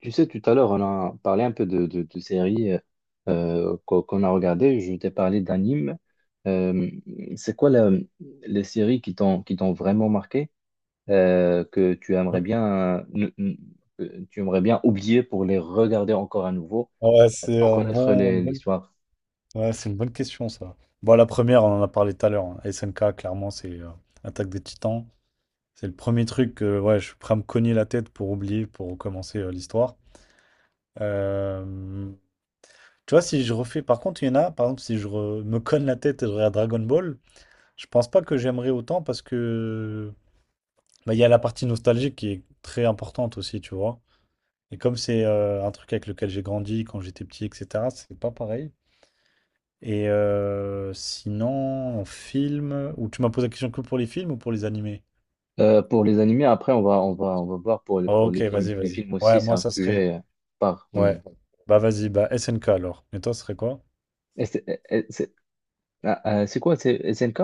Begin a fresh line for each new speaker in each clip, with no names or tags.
Tu sais, tout à l'heure, on a parlé un peu de séries qu'on a regardées. Je t'ai parlé d'animes. Euh, c'est quoi la- les séries qui t'ont vraiment marqué, que tu aimerais
Mmh.
bien ne- ne- que tu aimerais bien oublier pour les regarder encore à nouveau
Ouais, c'est
sans
un
connaître
bon, une bonne-
l'histoire.
ouais, c'est une bonne question ça. Bon, la première, on en a parlé tout à l'heure, hein. SNK, clairement, c'est Attaque des Titans. C'est le premier truc que ouais, je suis prêt à me cogner la tête pour oublier, pour recommencer l'histoire. Euh, Tu vois, si je refais, par contre, il y en a, par exemple, si me cogne la tête et je regarde Dragon Ball, je pense pas que j'aimerais autant parce que bah, il y a la partie nostalgique qui est très importante aussi, tu vois. Et comme c'est un truc avec lequel j'ai grandi quand j'étais petit, etc., c'est pas pareil. Et sinon, en film, ou tu m'as posé la question que pour les films ou pour les animés?
Pour les animés, après, on va voir pour les, pour
Ok,
les films.
vas-y,
Les
vas-y.
films aussi,
Ouais,
c'est
moi
un
ça serait.
sujet par
Ouais.
oui.
Bah vas-y, bah SNK alors. Et toi, ce serait quoi?
Et C'est et c'est- c'est quoi? C'est SNK?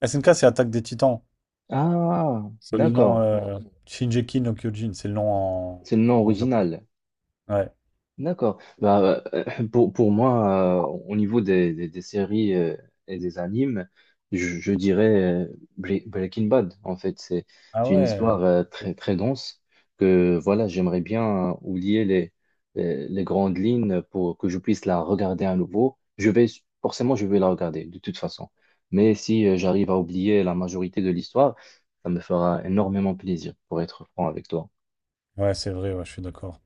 SNK, c'est Attaque des Titans.
Ah,
C'est le nom
d'accord.
Shinjeki no Kyojin, c'est le nom en,
C'est le nom
en japonais.
original.
Ouais.
D'accord. Bah, pour moi, au niveau des séries et des animes, je dirais euh, Breaking Bad. En fait, c'est
Ah
c'est une
ouais.
histoire très, très dense que voilà, j'aimerais bien oublier les grandes lignes pour que je puisse la regarder à nouveau. Je vais, forcément, je vais la regarder de toute façon. Mais si j'arrive à oublier la majorité de l'histoire, ça me fera énormément plaisir, pour être franc avec toi.
Ouais, c'est vrai, ouais, je suis d'accord.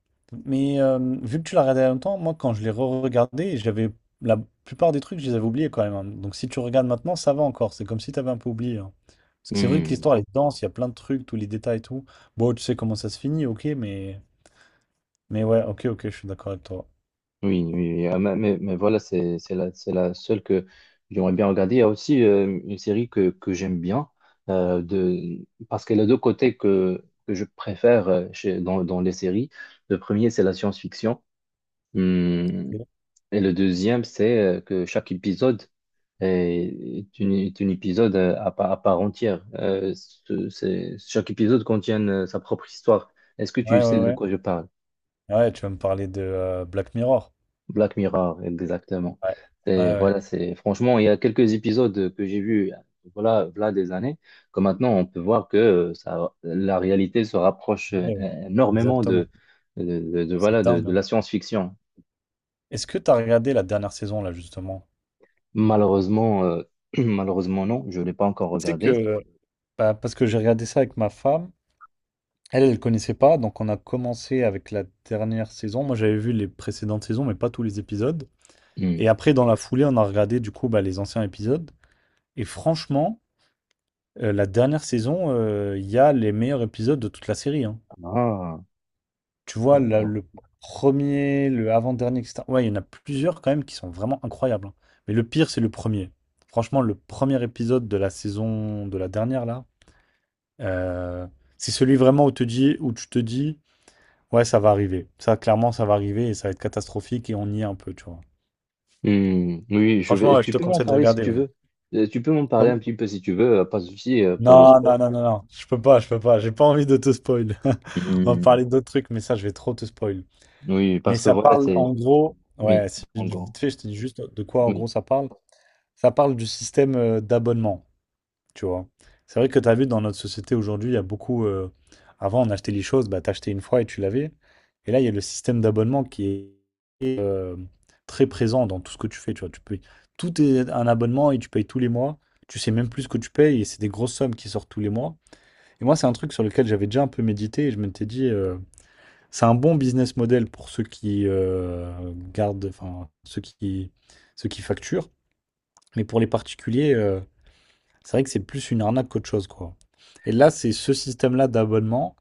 Mais vu que tu l'as regardé il y a longtemps, moi, quand je l'ai re-regardé, j'avais la plupart des trucs, je les avais oubliés quand même, hein. Donc, si tu regardes maintenant, ça va encore. C'est comme si tu avais un peu oublié, hein. Parce que c'est vrai que
Hmm.
l'histoire, elle est dense, il y a plein de trucs, tous les détails et tout. Bon, tu sais comment ça se finit, ok, mais. Mais ouais, ok, ok, je suis d'accord avec toi.
Oui, oui, oui. Ah, mais voilà, c'est la seule que j'aimerais bien regarder. Il y a aussi une série que j'aime bien, euh, de, parce qu'elle a deux côtés que je préfère dans les séries. Le premier, c'est la science-fiction. Hum,
Ok.
et le deuxième, c'est que chaque épisode est un épisode à part entière. Chaque épisode contient sa propre histoire. Est-ce que tu
Ouais,
sais
ouais,
de
ouais.
quoi je parle?
Ah ouais, tu vas me parler de Black Mirror.
Black Mirror, exactement.
Ouais,
Et
ouais, ouais.
voilà, c'est franchement, il y a quelques épisodes que j'ai vus, voilà, voilà des années, que maintenant on peut voir que ça, la réalité se rapproche
Ouais, ouais.
énormément de,
Exactement.
de, de- de-
C'est
voilà, de,
dingue,
de
hein.
la science-fiction.
Est-ce que tu as regardé la dernière saison, là, justement?
Malheureusement, euh, Malheureusement non, je ne l'ai pas encore
Tu sais
regardé.
que. Bah, parce que j'ai regardé ça avec ma femme. Elle, elle connaissait pas, donc on a commencé avec la dernière saison. Moi, j'avais vu les précédentes saisons, mais pas tous les épisodes. Et
Hmm.
après, dans la foulée, on a regardé du coup bah, les anciens épisodes. Et franchement, la dernière saison, il y a les meilleurs épisodes de toute la série, hein.
Ah,
Tu vois,
d'accord.
le premier, le avant-dernier, etc. Ouais, il y en a plusieurs quand même qui sont vraiment incroyables, hein. Mais le pire, c'est le premier. Franchement, le premier épisode de la saison de la dernière là, euh, c'est celui vraiment où te dis, où tu te dis. Ouais, ça va arriver. Ça, clairement, ça va arriver et ça va être catastrophique et on y est un peu, tu vois.
Hmm, oui, je
Franchement,
vais.
ouais, je
Tu
te
peux m'en
conseille de
parler si
regarder,
tu
ouais.
veux. Tu peux m'en parler un petit
Comment-
peu si tu veux, pas de souci pour le
non,
spoil.
non, non, non, non. Je peux pas, je peux pas. J'ai pas envie de te spoil. On va
Hmm,
parler d'autres trucs, mais ça, je vais trop te spoil.
oui,
Mais
parce que
ça
voilà,
parle,
c'est.
en gros,
Oui.
ouais, si,
En gros.
vite fait, je te dis juste de quoi, en gros,
Oui,
ça parle. Ça parle du système d'abonnement. Tu vois. C'est vrai que tu as vu dans notre société aujourd'hui, il y a beaucoup. Avant, on achetait les choses, bah, t'achetais une fois et tu l'avais. Et là, il y a le système d'abonnement qui est très présent dans tout ce que tu fais, tu vois. Tu payes, tout est un abonnement et tu payes tous les mois. Tu sais même plus ce que tu payes et c'est des grosses sommes qui sortent tous les mois. Et moi, c'est un truc sur lequel j'avais déjà un peu médité et je m'étais dit, c'est un bon business model pour ceux qui gardent, enfin, ceux qui facturent. Mais pour les particuliers, c'est vrai que c'est plus une arnaque qu'autre chose, quoi. Et là, c'est ce système-là d'abonnement,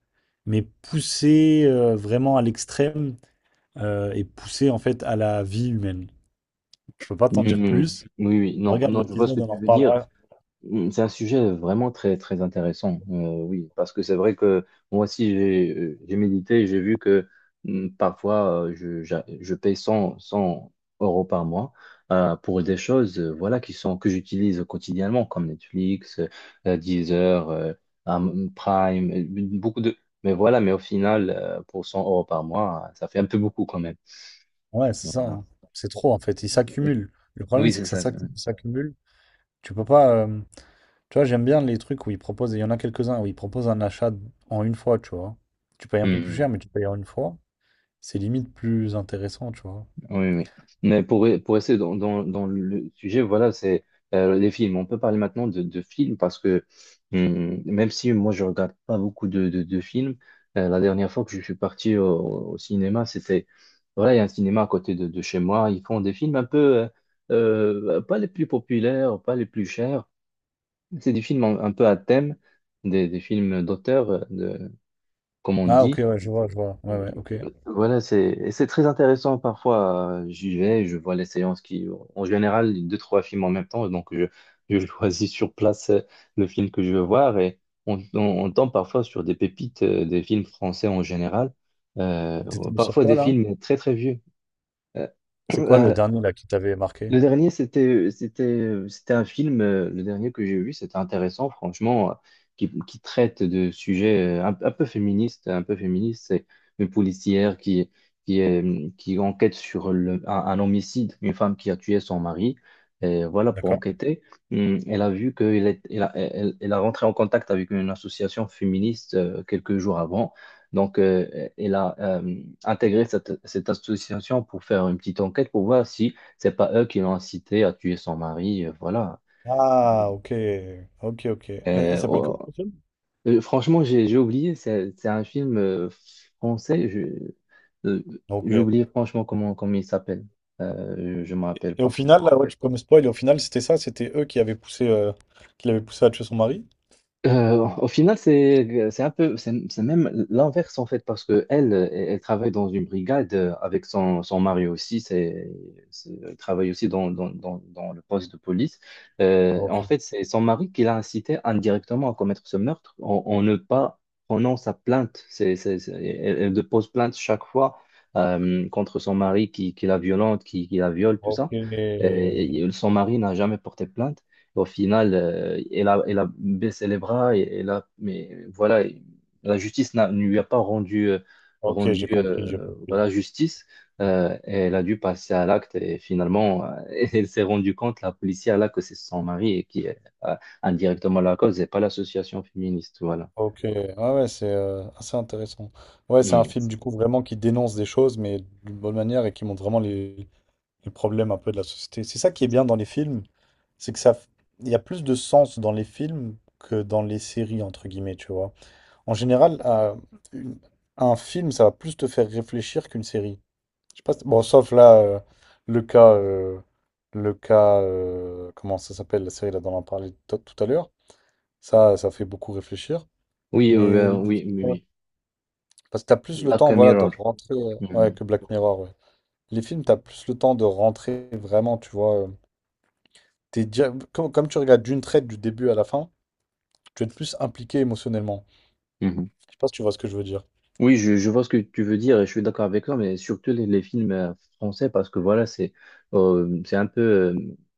mais poussé vraiment à l'extrême et poussé en fait à la vie humaine. Je peux pas
oui,
t'en
oui,
dire plus.
oui, oui, oui. Non,
Regarde
non, je vois ce que
l'épisode, on en
tu veux dire.
reparlera.
C'est un sujet vraiment très, très intéressant, oui, parce que c'est vrai que moi aussi, j'ai médité et j'ai vu que parfois, je paye cent euros par mois pour des choses voilà, qui sont, que j'utilise quotidiennement, comme Netflix, Deezer, Prime, beaucoup de... Mais voilà, mais au final, pour 100 euros par mois, ça fait un peu beaucoup quand même.
Ouais, c'est ça,
Voilà.
hein. C'est trop en fait. Il s'accumule. Le problème,
Oui,
c'est
c'est
que ça
ça.
s'accumule, s'accumule. Tu peux pas. Tu vois, j'aime bien les trucs où ils proposent, il y en a quelques-uns où ils proposent un achat en une fois, tu vois. Tu payes un peu plus
Mm,
cher, mais tu payes en une fois. C'est limite plus intéressant, tu vois.
oui, oui. Mais pour rester dans le sujet, voilà, c'est les films. On peut parler maintenant de films parce que même si moi je regarde pas beaucoup de films, la dernière fois que je suis parti au cinéma, c'était, voilà, il y a un cinéma à côté de chez moi. Ils font des films un peu, pas les plus populaires, pas les plus chers. C'est des films un peu à thème, des films d'auteur, comme on
Ah, ok,
dit.
ouais, je vois, je vois. Ouais, ouais, ok. Et
Voilà, c'est très intéressant parfois. J'y vais, je vois les séances qui, en général, deux, trois films en même temps. Donc, je choisis sur place le film que je veux voir et on, on, on tombe parfois sur des pépites des films français en général. Euh,
t'es tombé sur
Parfois
quoi,
des
là?
films très, très vieux.
C'est quoi le
Euh,
dernier, là, qui t'avait marqué?
Le dernier, c'était un film, le dernier que j'ai vu, c'était intéressant, franchement, qui traite de sujets un peu féministes, un peu féministes. C'est une policière qui enquête sur un homicide, une femme qui a tué son mari. Et voilà, pour
D'accord.
enquêter, elle a vu qu'elle est, elle a, elle, elle a rentré en contact avec une association féministe quelques jours avant. Donc, elle a intégré cette association pour faire une petite enquête pour voir si c'est pas eux qui l'ont incité à tuer son mari, voilà.
Ah, ok. Ok, ok. Il
Euh,
s'appelle
oh,
comment, le film?
Franchement, j'ai oublié, c'est un film français, euh,
Ok.
j'ai oublié franchement comment il s'appelle. Je ne me rappelle
Et au
pas.
final, là, ouais, tu peux me spoil, et au final, c'était ça, c'était eux qui avaient poussé, qui l'avaient poussé à tuer son mari?
Au final, c'est un peu c'est même l'inverse en fait parce que elle travaille dans une brigade avec son mari aussi. Elle travaille aussi dans le poste de police. En
Ok.
fait c'est son mari qui l'a incité indirectement à commettre ce meurtre en ne pas prenant sa plainte. Elle dépose plainte chaque fois contre son mari qui la violente qui la viole tout
Ok.
ça. Et son mari n'a jamais porté plainte au final, elle a baissé les bras, mais voilà, la justice ne lui a pas
Ok,
rendu
j'ai compris, j'ai compris.
justice. Et elle a dû passer à l'acte et finalement, elle s'est rendue compte, la policière, là, que c'est son mari et qui est euh, indirectement la cause et pas l'association féministe. Voilà.
Ok. Ah ouais, c'est assez intéressant. Ouais, c'est un
Mm.
film du coup vraiment qui dénonce des choses, mais d'une bonne manière et qui montre vraiment les problèmes un peu de la société. C'est ça qui est bien dans les films, c'est que ça, il y a plus de sens dans les films que dans les séries, entre guillemets, tu vois. En général, une- un film, ça va plus te faire réfléchir qu'une série. Je sais pas, si- bon, sauf là, le cas, euh, le cas, comment ça s'appelle, la série là dont on a parlé tout à l'heure, ça fait beaucoup réfléchir.
Oui,
Mais les-
oui, oui,
ouais.
oui.
Parce que t'as plus le
Black
temps, voilà, de
Mirror.
rentrer, ouais,
Mm.
que Black Mirror, ouais. Les films, t'as plus le temps de rentrer vraiment, tu vois. Comme, comme tu regardes d'une traite du début à la fin, tu vas être plus impliqué émotionnellement.
Mhm.
Je sais pas si tu vois ce que je veux dire.
Oui, je vois ce que tu veux dire et je suis d'accord avec toi, mais surtout les films français, parce que voilà, c'est un peu,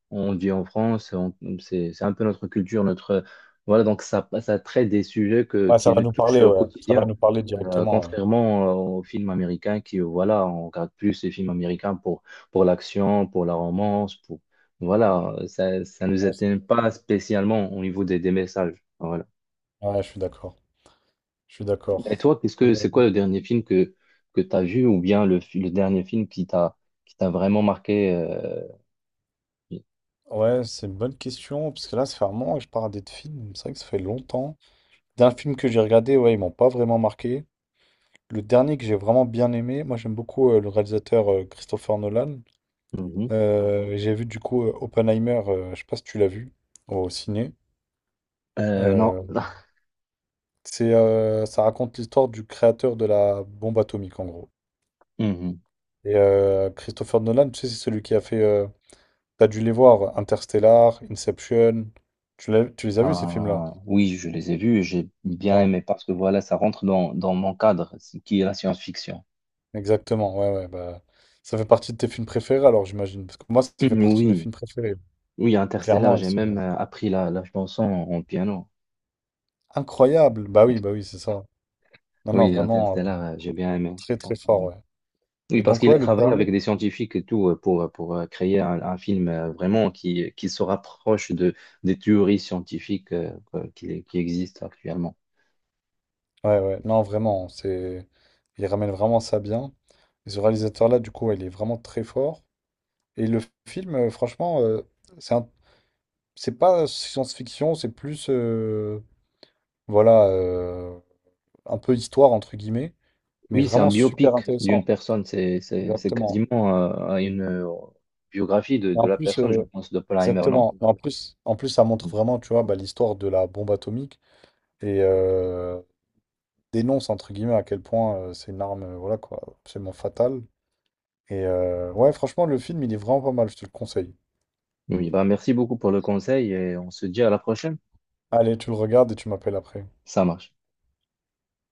on dit en France, c'est un peu notre culture, notre, voilà, donc ça traite des sujets que,
Ouais, ça
qui
va
nous
nous
touchent
parler,
au
ouais. Ça va
quotidien,
nous parler directement, ouais.
Contrairement aux films américains qui, voilà, on regarde plus les films américains pour l'action, pour la romance, pour, voilà, ça nous
Ouais, c'est-
atteint pas spécialement au niveau des messages. Voilà.
ouais, je suis d'accord. Je suis
Et
d'accord.
toi, qu'est-ce
Euh,
que c'est quoi le dernier film que tu as vu ou bien le dernier film qui t'a vraiment marqué
Ouais, c'est une bonne question, parce que là, ça fait un moment que je parle des films. C'est vrai que ça fait longtemps. D'un film que j'ai regardé, ouais, ils m'ont pas vraiment marqué. Le dernier que j'ai vraiment bien aimé, moi j'aime beaucoup le réalisateur Christopher Nolan.
mhm.
J'ai vu du coup Oppenheimer, je sais pas si tu l'as vu, au ciné.
Non.
Euh. C'est, ça raconte l'histoire du créateur de la bombe atomique, en gros.
Mhm.
Et Christopher Nolan, tu sais, c'est celui qui a fait. T'as dû les voir, Interstellar, Inception. Tu les as vus, ces films-là?
Oui, je les ai vus et j'ai bien
Ouais,
aimé parce que voilà, ça rentre dans mon cadre, ce qui est la science-fiction.
exactement. Ouais, ouais. Bah, ça fait partie de tes films préférés, alors, j'imagine. Parce que moi, ça fait
Mhm,
partie de mes
oui,
films préférés.
oui, Interstellar,
Clairement, ils
j'ai même
sont
appris la chanson en piano.
incroyables. Bah oui, c'est ça. Non, non,
Oui,
vraiment,
Interstellar, j'ai bien aimé.
très, très
Franchement,
fort, ouais.
oui,
Et
parce
donc,
qu'il a
ouais, le
travaillé
dernier.
avec des scientifiques et tout pour créer un film vraiment qui se rapproche des théories scientifiques qui existent actuellement.
Ouais, ouais, non, vraiment, c'est… Il ramène vraiment ça bien. Et ce réalisateur-là, du coup, ouais, il est vraiment très fort. Et le film, franchement, c'est un- c'est pas science-fiction, c'est plus, voilà, un peu histoire, entre guillemets, mais
Oui, c'est un
vraiment super
biopic d'une
intéressant.
personne, c'est
Exactement.
quasiment une biographie de,
Et
de
en
la
plus,
personne, je pense, d'Oppenheimer, non?
exactement. Et en plus, en plus, ça montre vraiment, tu vois, bah, l'histoire de la bombe atomique et dénonce, entre guillemets, à quel point c'est une arme, voilà, quoi, absolument fatale. Et ouais, franchement, le film, il est vraiment pas mal, je te le conseille.
Oui, bah merci beaucoup pour le conseil et on se dit à la prochaine.
Allez, tu le regardes et tu m'appelles après.
Ça marche.